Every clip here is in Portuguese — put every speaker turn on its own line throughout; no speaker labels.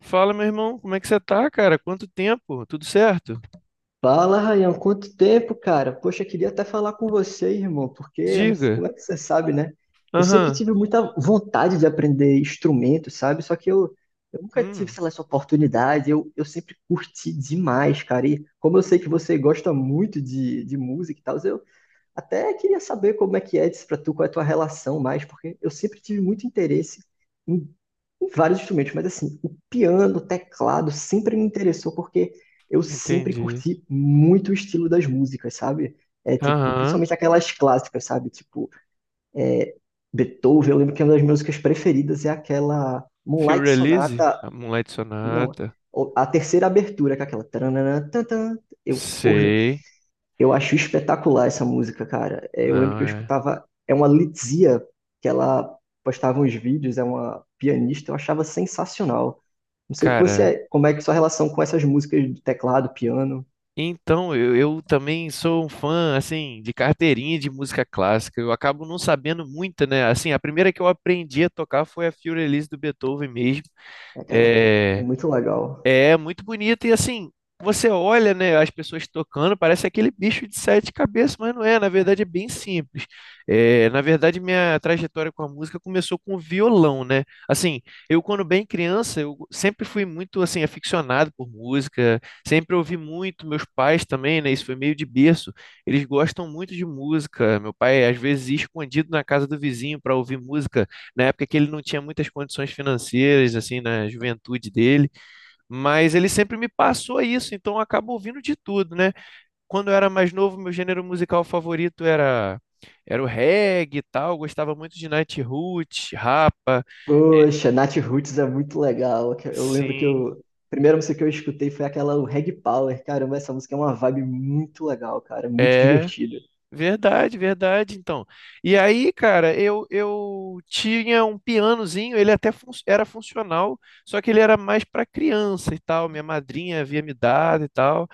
Fala, meu irmão, como é que você tá, cara? Quanto tempo? Tudo certo?
Fala, Rayan, quanto tempo, cara? Poxa, queria até falar com você, irmão, porque não sei
Diga.
como é que você sabe, né? Eu sempre
Aham.
tive muita vontade de aprender instrumento, sabe? Só que eu, nunca tive,
Hum,
sei lá, essa oportunidade. Eu sempre curti demais, cara. E como eu sei que você gosta muito de música e tal, eu até queria saber como é que é isso pra tu, qual é a tua relação mais, porque eu sempre tive muito interesse em, em vários instrumentos, mas assim, o piano, o teclado sempre me interessou porque eu sempre
entendi.
curti muito o estilo das músicas, sabe? É tipo,
Aham.
principalmente aquelas clássicas, sabe? Tipo, Beethoven, eu lembro que uma das minhas músicas preferidas é aquela
Feel
Moonlight
Release?
Sonata,
A Moonlight
não,
Sonata.
a terceira abertura, que é aquela tananã, tantã. Eu, porra,
Sei.
eu acho espetacular essa música, cara. É, eu lembro
Não,
que eu
é.
escutava. É uma Litzia, que ela postava uns vídeos, é uma pianista, eu achava sensacional. Não sei o que você,
Cara,
como é que sua relação com essas músicas de teclado, piano,
então, eu também sou um fã, assim, de carteirinha de música clássica. Eu acabo não sabendo muita, né? Assim, a primeira que eu aprendi a tocar foi a Feel Release do Beethoven mesmo.
aquela. É
É.
muito legal.
É muito bonito e assim, você olha, né, as pessoas tocando, parece aquele bicho de sete cabeças, mas não é, na verdade é bem simples. É, na verdade, minha trajetória com a música começou com o violão, né? Assim, eu quando bem criança, eu sempre fui muito assim aficionado por música, sempre ouvi muito, meus pais também, né, isso foi meio de berço. Eles gostam muito de música. Meu pai às vezes ia escondido na casa do vizinho para ouvir música, na época que ele não tinha muitas condições financeiras assim na juventude dele, mas ele sempre me passou isso, então eu acabo ouvindo de tudo, né? Quando eu era mais novo, meu gênero musical favorito era o reggae e tal, eu gostava muito de Nightroot, Rapa.
Poxa, Nat Roots é muito legal. Eu lembro que
Sim,
eu. A primeira música que eu escutei foi aquela o Reg Power. Caramba, essa música é uma vibe muito legal, cara. Muito
é
divertida.
verdade, verdade, então. E aí, cara, eu tinha um pianozinho, ele até era funcional, só que ele era mais para criança e tal, minha madrinha havia me dado e tal.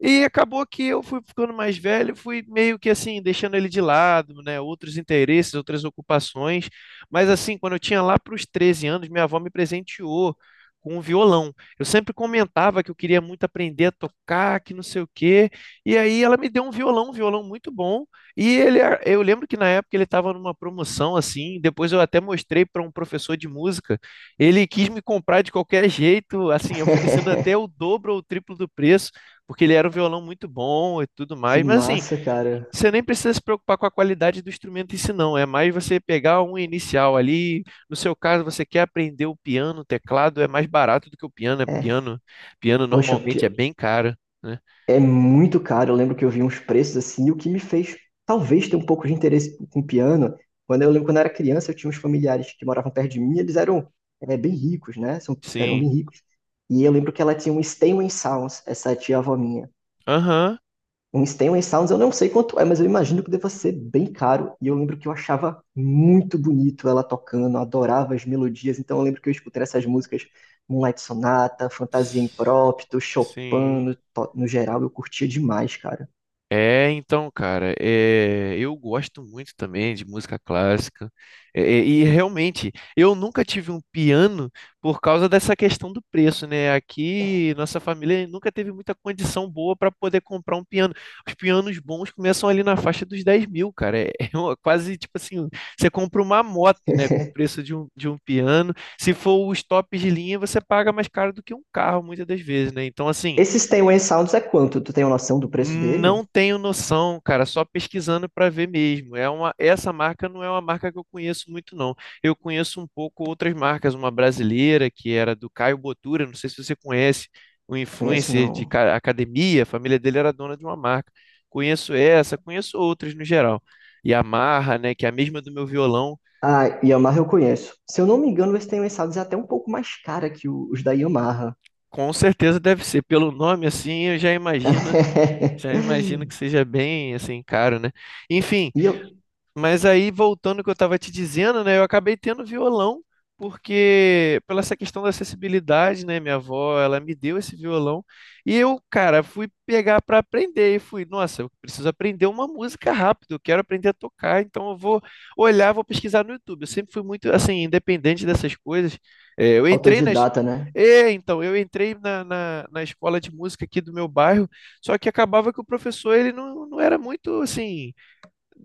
E acabou que eu fui ficando mais velho, fui meio que assim, deixando ele de lado, né? Outros interesses, outras ocupações. Mas assim, quando eu tinha lá para os 13 anos, minha avó me presenteou com um violão. Eu sempre comentava que eu queria muito aprender a tocar, que não sei o quê. E aí ela me deu um violão muito bom. E ele, eu lembro que na época ele estava numa promoção assim. Depois eu até mostrei para um professor de música. Ele quis me comprar de qualquer jeito, assim, oferecendo até o dobro ou o triplo do preço, porque ele era um violão muito bom e tudo
Que
mais. Mas assim,
massa, cara.
você nem precisa se preocupar com a qualidade do instrumento em si, não. É mais você pegar um inicial ali. No seu caso, você quer aprender o piano, o teclado é mais barato do que o piano. É
É,
piano, piano
poxa,
normalmente é
pi-
bem caro, né?
É muito caro. Eu lembro que eu vi uns preços assim, e o que me fez talvez ter um pouco de interesse com piano. Quando eu lembro quando eu era criança, eu tinha uns familiares que moravam perto de mim, eles eram bem ricos, né? Eram
Sim.
bem ricos. E eu lembro que ela tinha um Steinway Sounds, essa tia-avó minha.
Aham.
Um Stanway Sounds eu não sei quanto é, mas eu imagino que deva ser bem caro. E eu lembro que eu achava muito bonito ela tocando, eu adorava as melodias. Então eu lembro que eu escutei essas músicas, Moonlight Sonata, Fantasia Imprópto, Chopin,
Sim.
no geral, eu curtia demais, cara.
É, então, cara, é, eu gosto muito também de música clássica. E realmente, eu nunca tive um piano por causa dessa questão do preço, né? Aqui, nossa família nunca teve muita condição boa para poder comprar um piano. Os pianos bons começam ali na faixa dos 10.000, cara. É, quase tipo assim: você compra uma moto, né, com o preço de um piano. Se for os tops de linha, você paga mais caro do que um carro, muitas das vezes, né? Então, assim.
Esse Stanway Sounds é quanto? Tu tem uma noção do preço dele?
Não tenho noção, cara, só pesquisando para ver mesmo. É uma, essa marca não é uma marca que eu conheço muito, não. Eu conheço um pouco outras marcas, uma brasileira que era do Caio Botura, não sei se você conhece, um
Conheço
influencer de
não.
academia, a família dele era dona de uma marca. Conheço essa, conheço outras no geral. E a Marra, né, que é a mesma do meu violão,
Ah, Yamaha eu conheço. Se eu não me engano, esse Stanway Sounds é até um pouco mais cara que os da Yamaha.
com certeza deve ser. Pelo nome assim, eu já imagino que seja bem assim caro, né? Enfim.
E eu,
Mas aí, voltando ao que eu estava te dizendo, né, eu acabei tendo violão, porque pela essa questão da acessibilidade, né, minha avó, ela me deu esse violão, e eu, cara, fui pegar para aprender, e fui, nossa, eu preciso aprender uma música rápido, eu quero aprender a tocar, então eu vou olhar, vou pesquisar no YouTube. Eu sempre fui muito, assim, independente dessas coisas. É, eu entrei nas...
autodidata, né?
É, então, eu entrei na escola de música aqui do meu bairro, só que acabava que o professor, ele não era muito, assim,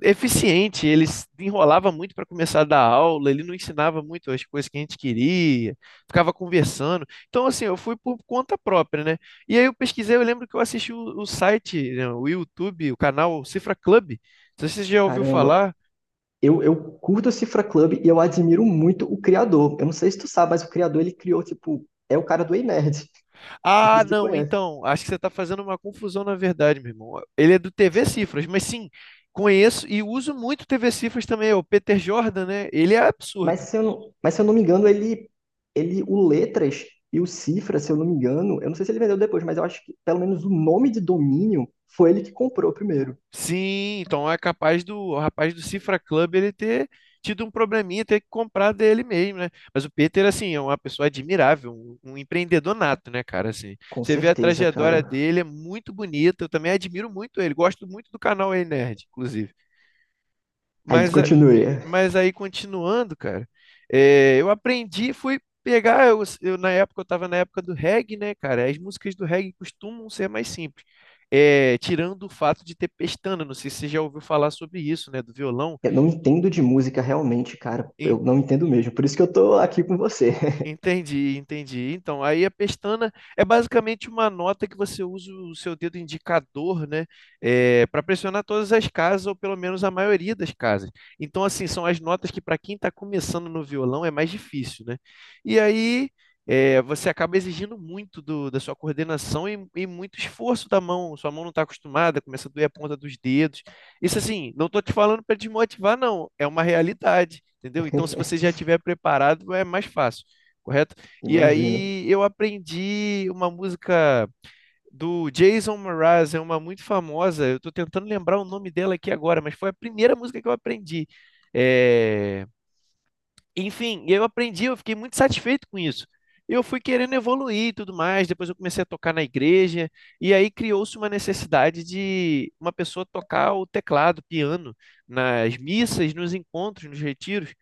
eficiente, ele enrolava muito para começar a dar aula, ele não ensinava muito as coisas que a gente queria, ficava conversando. Então, assim, eu fui por conta própria, né? E aí eu pesquisei, eu lembro que eu assisti o site, né, o YouTube, o canal Cifra Club. Não sei se você já ouviu
Caramba.
falar.
Eu curto o Cifra Club e eu admiro muito o criador. Eu não sei se tu sabe, mas o criador ele criou, tipo, é o cara do Ei Nerd. Não sei
Ah,
se tu
não,
conhece.
então, acho que você está fazendo uma confusão na verdade, meu irmão. Ele é do TV Cifras, mas sim, conheço e uso muito TV Cifras também, o Peter Jordan, né? Ele é
Mas
absurdo.
se eu não, mas se eu não me engano, ele, o Letras e o Cifra, se eu não me engano, eu não sei se ele vendeu depois, mas eu acho que pelo menos o nome de domínio foi ele que comprou primeiro.
Sim, então é capaz do o rapaz do Cifra Club ele ter tido um probleminha, ter que comprar dele mesmo, né? Mas o Peter, assim, é uma pessoa admirável, um empreendedor nato, né, cara? Assim,
Com
você vê a
certeza,
trajetória
cara.
dele, é muito bonita. Eu também admiro muito ele, gosto muito do canal Ei Nerd, inclusive.
Aí
Mas
continue.
mas aí, continuando, cara, é, eu aprendi, fui pegar, eu na época, eu tava na época do reggae, né, cara? As músicas do reggae costumam ser mais simples. É, tirando o fato de ter pestana, não sei se você já ouviu falar sobre isso, né, do violão.
Eu não entendo de música realmente, cara. Eu não entendo mesmo. Por isso que eu tô aqui com você.
Entendi, entendi. Então, aí a pestana é basicamente uma nota que você usa o seu dedo indicador, né, para pressionar todas as casas, ou pelo menos a maioria das casas. Então, assim, são as notas que para quem está começando no violão é mais difícil, né? E aí é, você acaba exigindo muito da sua coordenação e muito esforço da mão. Sua mão não está acostumada, começa a doer a ponta dos dedos. Isso, assim, não estou te falando para desmotivar, não. É uma realidade, entendeu? Então, se você já estiver preparado, é mais fácil, correto? E
Imagino.
aí eu aprendi uma música do Jason Mraz, é uma muito famosa. Eu estou tentando lembrar o nome dela aqui agora, mas foi a primeira música que eu aprendi. É. Enfim, eu aprendi, eu fiquei muito satisfeito com isso. Eu fui querendo evoluir e tudo mais, depois eu comecei a tocar na igreja, e aí criou-se uma necessidade de uma pessoa tocar o teclado, piano, nas missas, nos encontros, nos retiros.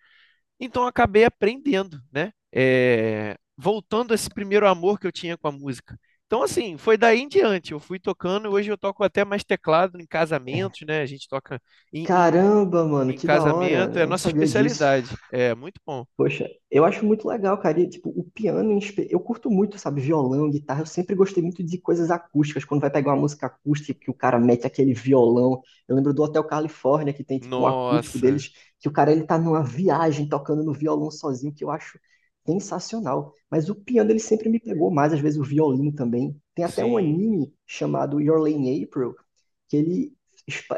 Então acabei aprendendo, né? É, voltando a esse primeiro amor que eu tinha com a música. Então, assim, foi daí em diante. Eu fui tocando, hoje eu toco até mais teclado em casamentos, né? A gente toca em, em,
Caramba, mano,
em
que da hora.
casamento, é a
Eu não
nossa
sabia disso.
especialidade. É muito bom.
Poxa, eu acho muito legal, cara. E, tipo, o piano, eu curto muito, sabe, violão, guitarra. Eu sempre gostei muito de coisas acústicas. Quando vai pegar uma música acústica, que o cara mete aquele violão. Eu lembro do Hotel Califórnia, que tem, tipo, um acústico
Nossa,
deles, que o cara, ele tá numa viagem tocando no violão sozinho, que eu acho sensacional. Mas o piano, ele sempre me pegou mais, às vezes o violino também. Tem até um
sim,
anime chamado Your Lane April, que ele...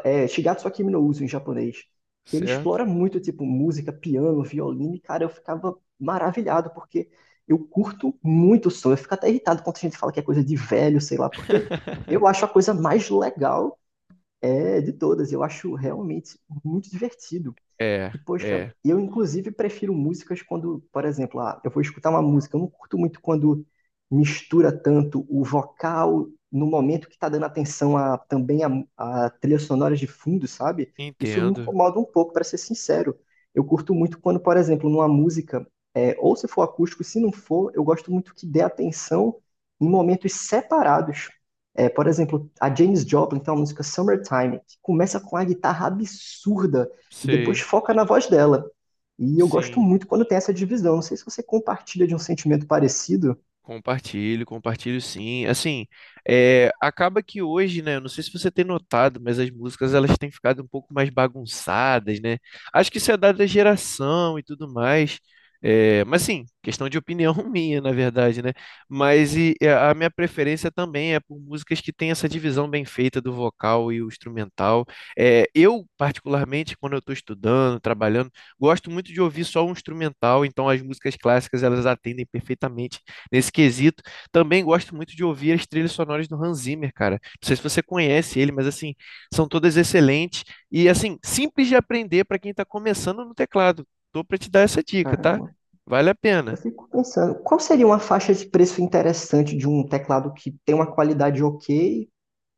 É, Shigatsu wa Kimi no Uso, em japonês, que ele
certo?
explora muito, tipo, música, piano, violino, e, cara, eu ficava maravilhado, porque eu curto muito o som. Eu fico até irritado quando a gente fala que é coisa de velho, sei lá, porque eu acho a coisa mais legal de todas. Eu acho realmente muito divertido.
É,
E, poxa,
é,
eu inclusive prefiro músicas quando, por exemplo, ah, eu vou escutar uma música. Eu não curto muito quando mistura tanto o vocal no momento que está dando atenção também a trilha sonora de fundo, sabe? Isso me
entendo,
incomoda um pouco, para ser sincero. Eu curto muito quando, por exemplo, numa música, ou se for acústico, se não for, eu gosto muito que dê atenção em momentos separados. É, por exemplo, a James Joplin tem uma música Summertime, que começa com a guitarra absurda e depois
sei,
foca na voz dela. E eu gosto
sim.
muito quando tem essa divisão. Não sei se você compartilha de um sentimento parecido.
Compartilho, compartilho sim. Assim, é, acaba que hoje, né, eu não sei se você tem notado, mas as músicas elas têm ficado um pouco mais bagunçadas, né? Acho que isso é dado da geração e tudo mais. É, mas sim, questão de opinião minha, na verdade, né? Mas e a minha preferência também é por músicas que têm essa divisão bem feita do vocal e o instrumental. É, eu, particularmente, quando eu estou estudando, trabalhando, gosto muito de ouvir só o instrumental, então as músicas clássicas elas atendem perfeitamente nesse quesito. Também gosto muito de ouvir as trilhas sonoras do Hans Zimmer, cara. Não sei se você conhece ele, mas assim, são todas excelentes e assim, simples de aprender para quem está começando no teclado. Tô para te dar essa dica, tá?
Caramba,
Vale a
eu
pena.
fico pensando, qual seria uma faixa de preço interessante de um teclado que tem uma qualidade ok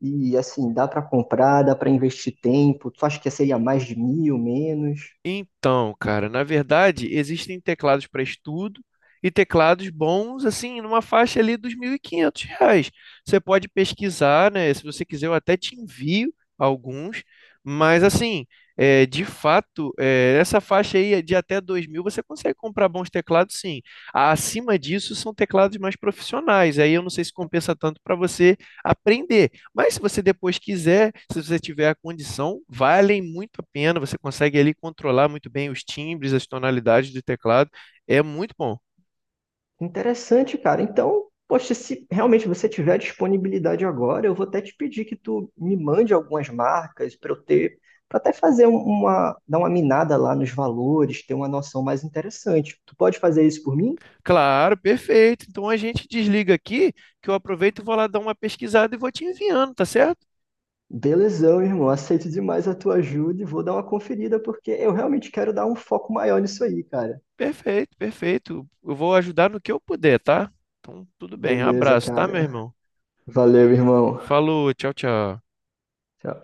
e assim, dá para comprar, dá para investir tempo? Tu acha que seria mais de 1000, menos?
Então, cara, na verdade, existem teclados para estudo e teclados bons, assim, numa faixa ali dos R$ 1.500. Você pode pesquisar, né? Se você quiser, eu até te envio alguns, mas assim, é, de fato, é, essa faixa aí de até 2.000 você consegue comprar bons teclados, sim. Acima disso são teclados mais profissionais. Aí eu não sei se compensa tanto para você aprender. Mas se você depois quiser, se você tiver a condição, valem muito a pena. Você consegue ali controlar muito bem os timbres, as tonalidades do teclado. É muito bom.
Interessante, cara. Então, poxa, se realmente você tiver disponibilidade agora, eu vou até te pedir que tu me mande algumas marcas para eu ter, para até fazer uma, dar uma minada lá nos valores, ter uma noção mais interessante. Tu pode fazer isso por mim?
Claro, perfeito. Então a gente desliga aqui, que eu aproveito e vou lá dar uma pesquisada e vou te enviando, tá certo?
Belezão, irmão. Aceito demais a tua ajuda e vou dar uma conferida porque eu realmente quero dar um foco maior nisso aí, cara.
Perfeito, perfeito. Eu vou ajudar no que eu puder, tá? Então, tudo bem.
Beleza,
Abraço, tá, meu
cara.
irmão?
Valeu, irmão.
Falou, tchau, tchau.
Tchau.